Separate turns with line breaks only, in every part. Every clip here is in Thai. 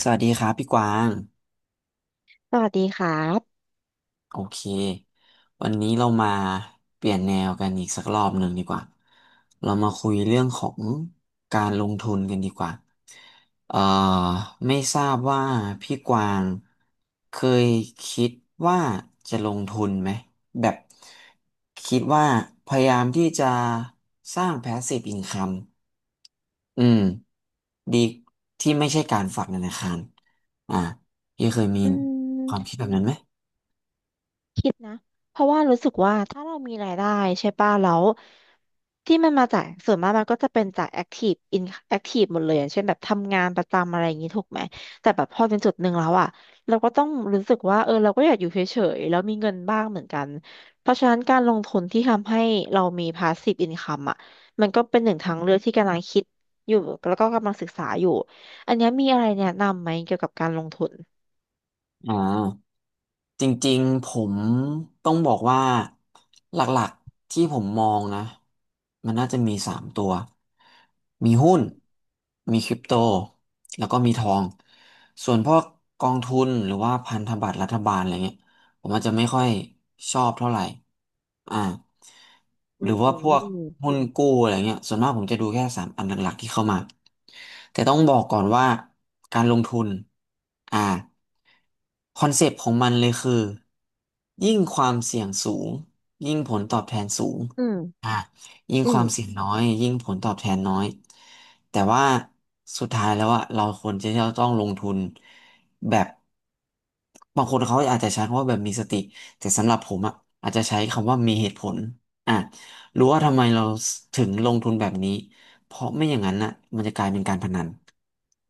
สวัสดีครับพี่กวาง
สวัสดีครับ
โอเควันนี้เรามาเปลี่ยนแนวกันอีกสักรอบหนึ่งดีกว่าเรามาคุยเรื่องของการลงทุนกันดีกว่าเอ่อไม่ทราบว่าพี่กวางเคยคิดว่าจะลงทุนไหมแบบคิดว่าพยายามที่จะสร้าง passive income อืมดีที่ไม่ใช่การฝากธนาคารอ่าพี่เคยมี
อื
ความคิ
ม
ดแบบนั้นไหม
คิดนะเพราะว่ารู้สึกว่าถ้าเรามีรายได้ใช่ป่ะแล้วที่มันมาจากส่วนมากมันก็จะเป็นจากแอคทีฟอินแอคทีฟหมดเลยอย่างเช่นแบบทำงานประจำอะไรอย่างนี้ถูกไหมแต่แบบพอเป็นจุดหนึ่งแล้วอ่ะเราก็ต้องรู้สึกว่าเออเราก็อยากอยู่เฉยๆแล้วมีเงินบ้างเหมือนกันเพราะฉะนั้นการลงทุนที่ทำให้เรามีพาสซีฟอินคัมอ่ะมันก็เป็นหนึ่งทางเลือกที่กำลังคิดอยู่แล้วก็กำลังศึกษาอยู่อันเนี้ยมีอะไรแนะนำไหมเกี่ยวกับการลงทุน
อ่าจริงๆผมต้องบอกว่าหลักๆที่ผมมองนะมันน่าจะมีสามตัวมีหุ้นมีคริปโตแล้วก็มีทองส่วนพวกกองทุนหรือว่าพันธบัตรรัฐบาลอะไรเงี้ย ผมอาจจะไม่ค่อยชอบเท่าไหร่อ่า
อื
หรือว่าพวกหุ้
ม
นกู้อะไรเงี้ยส่วนมากผมจะดูแค่สามอันหลักๆที่เข้ามาแต่ต้องบอกก่อนว่าการลงทุนอ่าคอนเซปต์ของมันเลยคือยิ่งความเสี่ยงสูงยิ่งผลตอบแทนสูง
อืม
อ่ะยิ่ง
อื
ค
ม
วามเสี่ยงน้อยยิ่งผลตอบแทนน้อยแต่ว่าสุดท้ายแล้วอะเราควรจะต้องลงทุนแบบ บางคนเขาอาจจะใช้คำว่าแบบมีสติแต่สำหรับผมอะอาจจะใช้คำว่ามีเหตุผลอ่ะรู้ว่าทำไมเราถึงลงทุนแบบนี้เพราะไม่อย่างนั้นน่ะมันจะกลายเป็นการพนัน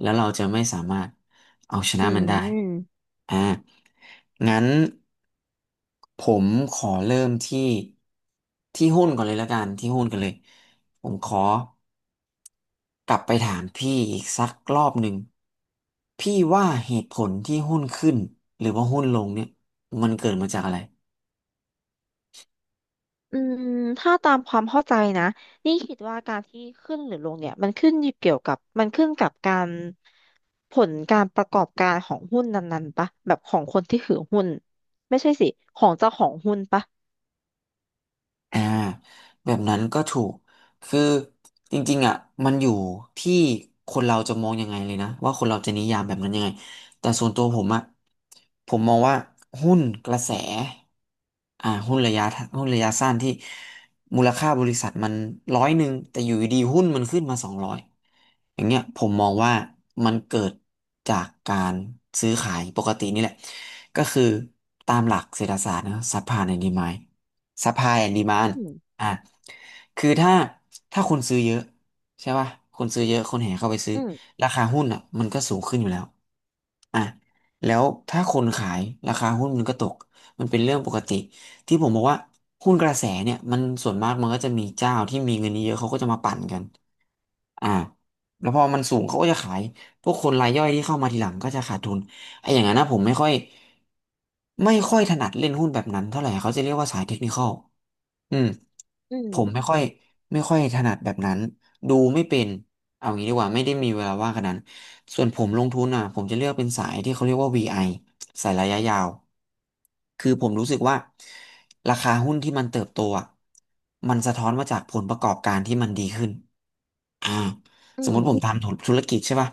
แล้วเราจะไม่สามารถเอาช
อื
นะมันได้
ม
อ่างั้นผมขอเริ่มที่ที่หุ้นก่อนเลยละกันที่หุ้นกันเลยผมขอ กลับไปถามพี่อีกสักรอบหนึ่งพี่ว่าเหตุผลที่หุ้นขึ้นหรือว่าหุ้นลงเนี่ยมันเกิดมาจากอะไร
อืมถ้าตามความเข้าใจนะนี่คิดว่าการที่ขึ้นหรือลงเนี่ยมันขึ้นอยู่เกี่ยวกับมันขึ้นกับการผลการประกอบการของหุ้นนั้นๆปะแบบของคนที่ถือหุ้นไม่ใช่สิของเจ้าของหุ้นปะ
อ่าแบบนั้นก็ถูกคือจริงๆอ่ะมันอยู่ที่คนเราจะมองยังไงเลยนะว่าคนเราจะนิยามแบบนั้นยังไงแต่ส่วนตัวผมอ่ะผมมองว่าหุ้นกระแสอ่าหุ้นระยะหุ้นระยะสั้นที่มูลค่าบริษัทมัน100แต่อยู่ดีๆหุ้นมันขึ้นมา200อย่างเงี้ยผมมองว่ามันเกิดจากการซื้อขายปกตินี่แหละก็คือตามหลักเศรษฐศาสตร์นะซัพพลายแอนด์ดีมานด์ supply and demand
อืม
อ่ะ คือถ้าคนซื้อเยอะใช่ป่ะคนซื้อเยอะคนแห่เข้าไปซื้อ
อืม
ราคาหุ้นอ่ะมันก็สูงขึ้นอยู่แล้ว อ่ะแล้วถ้าคนขายราคาหุ้นมันก็ตกมันเป็นเรื่องปกติที่ผมบอกว่าหุ้นกระแสเนี่ยมันส่วนมากมันก็จะมีเจ้าที่มีเงินเยอะเขาก็จะมาปั่นกันอ่าแล้วพอมันสูงเขาก็จะขายพวกคนรายย่อยที่เข้ามาทีหลังก็จะขาดทุนไอ้อย่างนั้นนะผมไม่ค่อยถนัดเล่นหุ้นแบบนั้นเท่าไหร่เขาจะเรียกว่าสายเทคนิคอลอืม
อืม
ผมไม่ค่อยถนัดแบบนั้นดูไม่เป็นเอางี้ดีกว่าไม่ได้มีเวลาว่างขนาดนั้น ส่วนผมลงทุนอ่ะผมจะเลือกเป็นสายที่เขาเรียกว่า VI สายระยะยาวคือผมรู้สึกว่าราคาหุ้นที่มันเติบโตอ่ะมันสะท้อนมาจากผลประกอบการที่มันดีขึ้นอ่า
อื
สมม
ม
ติผมทำธุรกิจใช่ป่ะ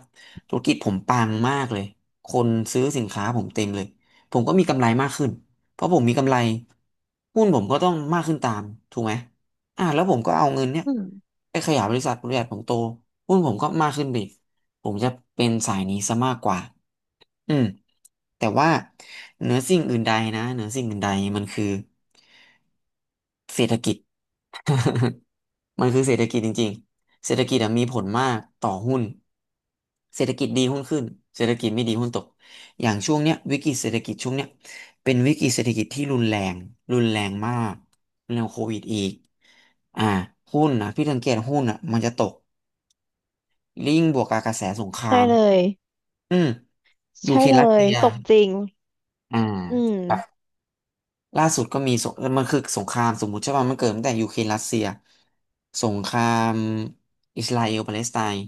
ธุรกิจผมปังมากเลยคนซื้อสินค้าผมเต็มเลยผมก็มีกำไรมากขึ้นเพราะผมมีกำไรหุ้นผมก็ต้องมากขึ้นตามถูกไหมแล้วผมก็เอาเงินเนี่ย
อืม
ไปขยายบริษัทบริษัทผมโตหุ้นผมก็มากขึ้นไปอีก ผมจะเป็นสายนี้ซะมากกว่าอืมแต่ว่าเหนือสิ่งอื่นใดนะเหนือสิ่งอื่นใดมันคือเศรษฐกิจ มันคือเศรษฐกิจจริงๆเศรษฐกิจอะมีผลมากต่อหุ้น เศรษฐกิจดีหุ้นขึ้นเศรษฐกิจไม่ดีหุ้นตก อย่างช่วงเนี้ยวิกฤตเศรษฐกิจช่วงเนี้ยเป็นวิกฤตเศรษฐกิจที่รุนแรงรุนแรงมากรุนแรื่าโควิดอีกอ่าหุ้นนะพี่สังเกตหุ้นอ่ะมันจะตกลิงก์บวกกับกระแสสงครา
ใช่
ม
เลย
อืมยู
ใช่
เครน
เล
รัส
ย
เซีย
ตกจริง
อืม
อืม
ครับล่าสุดก็มีสงเออมันคือสงครามสมมุติใช่ป่ะมันเกิดตั้งแต่ยูเครนรัสเซียสงครามอิสราเอลปาเลสไตน์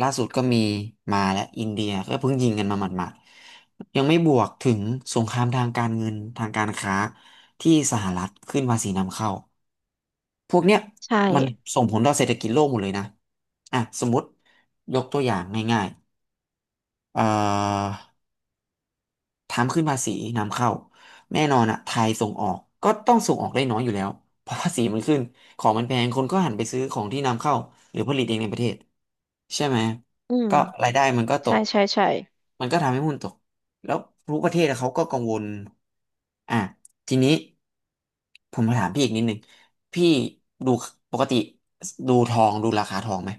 ล่าสุดก็มีมาและอินเดียก็เพิ่งยิงกันมาหมาดๆยังไม่บวกถึงสงครามทางการเงินทางการค้าที่สหรัฐขึ้นภาษีนำเข้าพวกเนี้ย
ใช่
มันส่งผลต่อเศรษฐกิจโลกหมดเลยนะอ่ะสมมติยกตัวอย่างง่ายๆทำขึ้นภาษีนำเข้าแน่นอนอะไทยส่งออกก็ต้องส่งออกได้น้อยอยู่แล้วเพราะภาษีมันขึ้นของมันแพงคนก็หันไปซื้อของที่นำเข้าหรือผลิตเองในประเทศใช่ไหม
อืม
ก็รายได้มันก็ต
ใช่
ก
ใช่ใช่
มันก็ทำให้หุ้นตกแล้วรู้ประเทศอะเขาก็กังวลอ่ะทีนี้ผมมาถามพี่อีกนิดหนึงพี่ดูปกติดูทองดูราคาทองไหม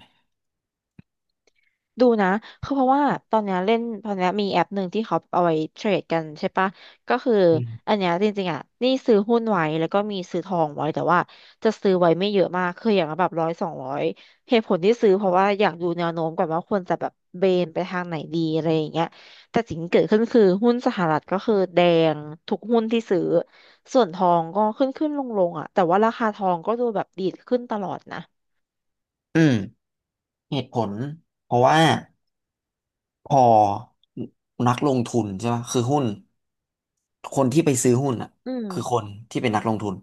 ดูนะคือเพราะว่าตอนเนี้ยเล่นตอนเนี้ยมีแอปหนึ่งที่เขาเอาไว้เทรดกันใช่ปะก็คือ
อืม
อันเนี้ยจริงๆอ่ะนี่ซื้อหุ้นไว้แล้วก็มีซื้อทองไว้แต่ว่าจะซื้อไว้ไม่เยอะมากคืออย่างละแบบร้อยสองร้อยเหตุผลที่ซื้อเพราะว่าอยากดูแนวโน้มก่อนว่าควรจะแบบเบนไปทางไหนดีอะไรอย่างเงี้ยแต่สิ่งที่เกิดขึ้นคือหุ้นสหรัฐก็คือแดงทุกหุ้นที่ซื้อส่วนทองก็ขึ้นขึ้นลงลงอ่ะแต่ว่าราคาทองก็ดูแบบดีดขึ้นตลอดนะ
อืมเหตุผลเพราะว่า พอนักลงทุนใช่ไหมคือหุ้นคนที่ไปซื้อหุ้นอ่ะ
อื
คือค
ม
นที่เป็นนักลงทุน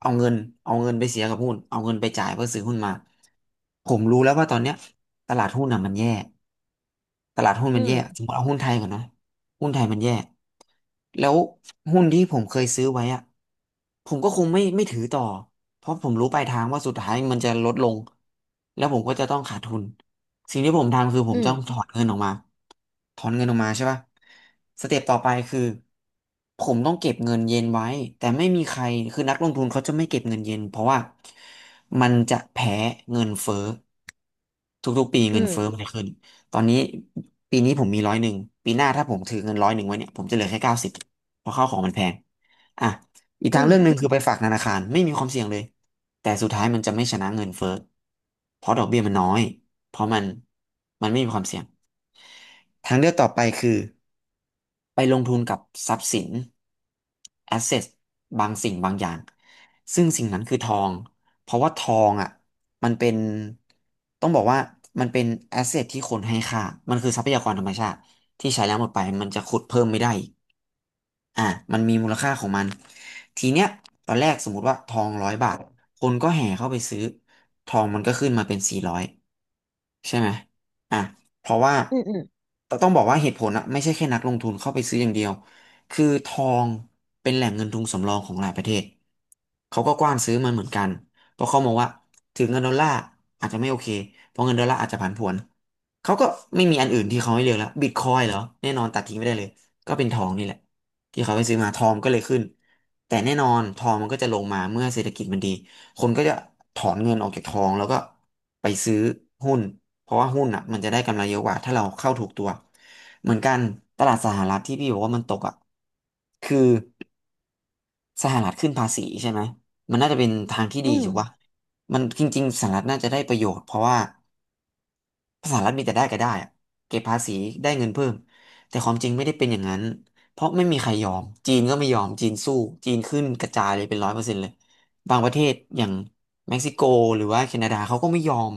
เอาเงินเอาเงินไปเสียกับหุ้นเอาเงินไปจ่ายเพื่อซื้อหุ้นมาผมรู้แล้วว่าตอนเนี้ยตลาดหุ้นอ่ะมันแย่ตลาดหุ้น
อื
มันแย่สม
ม
มติเอาหุ้นไทยก่อนนะหุ้นไทยมันแย่แล้วหุ้นที่ผมเคยซื้อไว้อะผมก็คงไม่ถือต่อเพราะผมรู้ปลายทางว่าสุดท้ายมันจะลดลงแล้วผมก็จะต้องขาดทุนสิ่งที่ผมทำคือผ
อื
ม
ม
ต้องถอนเงินออกมา ถอนเงินออกมาใช่ป่ะสเต็ปต่อไปคือผมต้องเก็บเงินเย็นไว้แต่ไม่มีใครคือนักลงทุนเขาจะไม่เก็บเงินเย็นเพราะว่ามันจะแพ้เงินเฟ้อทุกๆปี
อื
เงินเฟ้อมั
ม
นจะขึ้นตอนนี้ปีนี้ผมมีร้อยหนึ่งปีหน้าถ้าผมถือเงินร้อยหนึ่งไว้เนี่ยผมจะเหลือแค่90เพราะข้าวของมันแพงอ่ะอีก
อื
ทาง
ม
เรื่องหนึ่งคือไปฝากธนาคารไม่มีความเสี่ยงเลยแต่สุดท้ายมันจะไม่ชนะเงินเฟ้อเพราะดอกเบี้ยมันน้อย เพราะมันไม่มีความเสี่ยงทางเลือกต่อไปคือไปลงทุนกับทรัพย์สินแอสเซทบางสิ่งบางอย่างซึ่งสิ่งนั้นคือทองเพราะว่าทองอ่ะมันเป็นต้องบอกว่ามันเป็นแอสเซทที่คนให้ค่ามันคือทรัพยากรธรรมชาติที่ใช้แล้วหมดไปมันจะขุดเพิ่มไม่ได้อีกอ่ะมันมีมูลค่าของมันทีเนี้ยตอนแรกสมมติว่าทอง100 บาทคนก็แห่เข้าไปซื้อทองมันก็ขึ้นมาเป็น400 ใช่ไหมอ่ะเพราะว่า
อืมอืม
แตต้องบอกว่าเหตุผลอะไม่ใช่แค่นักลงทุนเข้าไปซื้ออย่างเดียวคือทองเป็นแหล่งเงินทุนสำรองของหลายประเทศเขาก็กว้านซื้อมันเหมือนกันเพราะเขามองว่าถึงเงินดอลลาร์อาจจะไม่โอเคเพราะเงินดอลลาร์อาจจะผันผวนเขาก็ไม่มีอันอื่นที่เขาให้เลือกแล้วบิตคอยเหรอแน่นอนตัดทิ้งไม่ได้เลยก็เป็นทองนี่แหละที่เขาไปซื้อมาทองก็เลยขึ้นแต่แน่นอนทองมันก็จะลงมาเมื่อเศรษฐกิจมันดี คนก็จะถอนเงินออกจากทองแล้วก็ไปซื้อหุ้นเพราะว่าหุ้นอ่ะมันจะได้กำไรเยอะกว่าถ้าเราเข้าถูกตัวเหมือนกันตลาดสหรัฐที่พี่บอกว่ามันตกอ่ะคือสหรัฐขึ้นภาษีใช่ไหมมันน่าจะเป็นทางที่ดี
อืม
ถูกปะมันจริงๆสหรัฐน่าจะได้ประโยชน์เพราะว่า สหรัฐมีแต่ได้ก็ได้อะเก็บภาษีได้เงินเพิ่ม แต่ความจริงไม่ได้เป็นอย่างนั้น เพราะไม่มีใครยอม จีนก็ไม่ยอมจีนสู้ จีนขึ้นกระจายเลยเป็น100%เลยบางประเทศอย่างเม็กซิโกหรือว่าแคนาดาเขาก็ไม่ยอม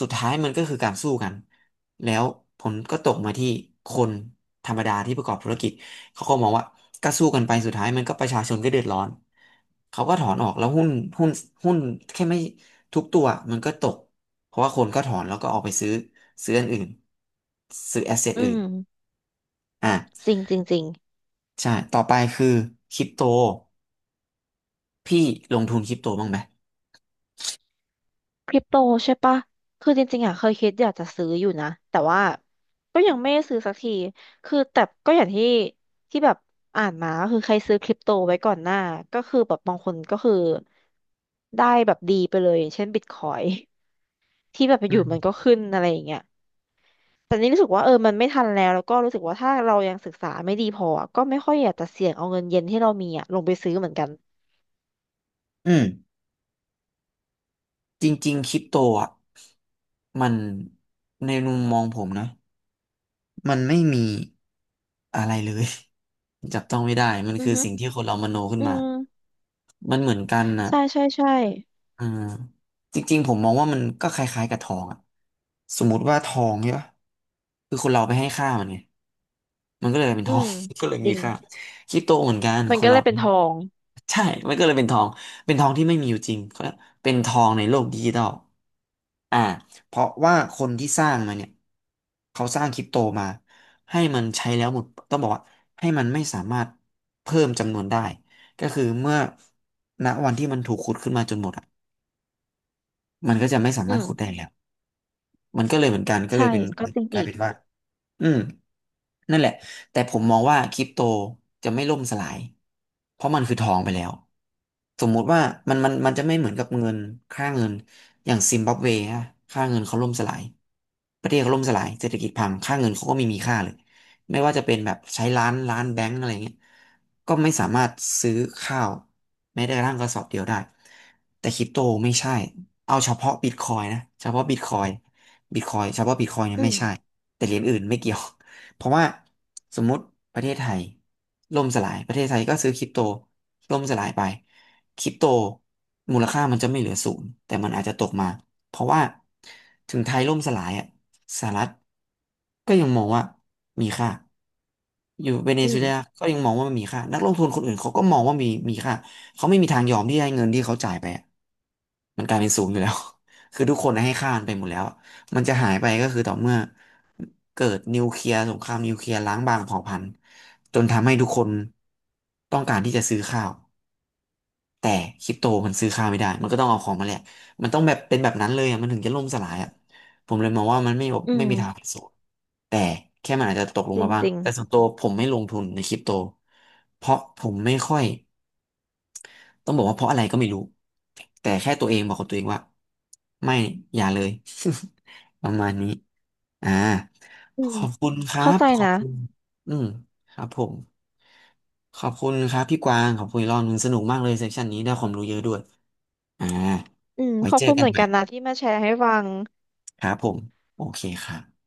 สุดท้ายมันก็คือการสู้กันแล้วผลก็ตกมาที่คนธรรมดาที่ประกอบธุรกิจ เขาก็มองว่าก็สู้กันไปสุดท้ายมันก็ประชาชนก็เดือดร้อนเขาก็ถอนออกแล้วหุ้นหุ้นหุ้นแค่ไม่ทุกตัวมันก็ตก เพราะว่าคนก็ถอนแล้วก็ออกไปซื้ออันอื่นซื้อแอสเซท
อื
อื่น
ม
อ่ะ
จริงจริงจริง
ใช่ต่อไปคือคริปโตพี่ลงทุนคริปโตบ้างไหม
คริปโตใช่ปะคือจริงๆอ่ะเคยคิดอยากจะซื้ออยู่นะแต่ว่าก็ยังไม่ได้ซื้อสักทีคือแต่ก็อย่างที่ที่แบบอ่านมาก็คือใครซื้อคริปโตไว้ก่อนหน้าก็คือแบบบางคนก็คือได้แบบดีไปเลยอย่างเช่นบิตคอย ที่แบบอยู่มันก็ขึ้นอะไรอย่างเงี้ยแต่นี่รู้สึกว่าเออมันไม่ทันแล้วแล้วก็รู้สึกว่าถ้าเรายังศึกษาไม่ดีพออะก็ไม่ค่อยอยากจะเสี่ยงเอาเงินเย็นที่เรามีอ่ะลงไปซื้อเหมือนกัน
อืมจริงๆคริปโตอ่ะมันในมุมมองผมนะมันไม่มีอะไรเลย จับต้องไม่ได้มัน
อือ
คือ
ฮึ
สิ่งที่คนเรามโนขึ้น
อื
มา
ม
มันเหมือนกันนะ
ใช่ใช่ใช่
อ่าจริงๆผมมองว่ามันก็คล้ายๆกับทองอะสมมุติว่าทองใช่ปะคือคนเราไปให้ค่ามันไงมันก็เลยเป็น
อื
ทอง
ม
ก็เลย
จ
มี
ริง
ค่าคริปโตเหมือนกัน
มั
ค
น
น
ก็เล
เรา
ยเป็นทอง
ใช่มันก็เลยเป็นทองเป็นทองที่ไม่มีอยู่จริงเขาเรียกเป็นทองในโลกดิจิทัลอ่าเพราะว่าคนที่สร้างมันเนี่ยเขาสร้างคริปโตมาให้มันใช้แล้วหมดต้องบอกว่าให้มันไม่สามารถเพิ่มจำนวนได้ก็คือเมื่อณวันที่มันถูกขุดขึ้นมาจนหมดอะ มันก็จะไม่สา
อื
มารถขุดได้
ม
แล้ว มันก็เลยเหมือนกันก็เลย
ใช่
เป็น
ก็จริง
กลาย
อีก
เป็นว่า อืมนั่นแหละ แต่ผมมองว่าคริปโตจะไม่ล่มสลาย เพราะมันคือทองไปแล้ว สมมุติว่ามันจะไม่เหมือนกับเงินค่าเงินอย่างซิมบับเวฮะค่าเงินเขาล่มสลายประเทศเขาล่มสลายเศรษฐกิจพังค่าเงินเขาก็ไม่มีค่าเลยไม่ว่าจะเป็นแบบใช้ล้านล้านแบงก์อะไรเงี้ยก็ไม่สามารถซื้อข้าวแม้แต่กระทั่งกระสอบเดียวได้แต่คริปโตไม่ใช่เอาเฉพาะบิตคอยนะเฉพาะบิตคอยบิตคอยเฉพาะบิตคอยเนี่ย
อื
ไม่
ม
ใช่ แต่เหรียญอื่นไม่เกี่ยว เพราะว่าสมมุติประเทศไทยล่มสลาย ประเทศไทยก็ซื้อคริปโตล่มสลายไปคริปโตมูลค่ามันจะไม่เหลือศูนย์แต่มันอาจจะตกมา เพราะว่าถึงไทยล่มสลายอ่ะสหรัฐก็ยังมองว่ามีค่าอยู่เวเน
อื
ซุเอ
ม
ลาก็ยังมองว่ามันมีค่านักลงทุนคนอื่นเขาก็มองว่ามีค่าเขาไม่มีทางยอมที่จะให้เงินที่เขาจ่ายไปอะมันกลายเป็นศูนย์อยู่แล้ว คือทุกคนให้ค่ามันไปหมดแล้ว มันจะหายไปก็คือต่อเมื่อเกิดนิวเคลียร์สงครามนิวเคลียร์ล้างบางเผ่าพันธุ์จนทำให้ทุกคนต้องการที่จะซื้อข้าวแต่คริปโตมันซื้อข้าวไม่ได้มันก็ต้องเอาของมาแลกมันต้องแบบเป็นแบบนั้นเลยอะมันถึงจะล่มสลายอ่ะผมเลยมองว่ามันไม่
อื
ไม่มีทางเป็น
ม
ศูนย์แต่แค่มันอาจจะตกลง
จริ
มา
ง
บ้าง
จริง
แต่ส่วนตัวผมไม่ลงทุนในคริปโตเพราะผมไม่ค่อยต้องบอกว่าเพราะอะไรก็ไม่รู้แต่แค่ตัวเองบอกกับตัวเองว่าไม่อย่าเลย ประมาณนี้ อ่า
อื
ข
ม
อบคุณครั
เข้า
บ
ใจ
ขอ
นะ
บคุณอืมครับผมขอบคุณครับพี่กวางขอบคุณอีกรอบหนึงสนุกมากเลยเซสชันนี้ได้ความรู้เยอะด้วยอ่า
อืม
ไว้
ขอบ
เจอ
คุณ
กั
เห
น
มือน
ใหม่
กันนะที่มาแชร์ให้ฟัง
ครับผมโอเคครับ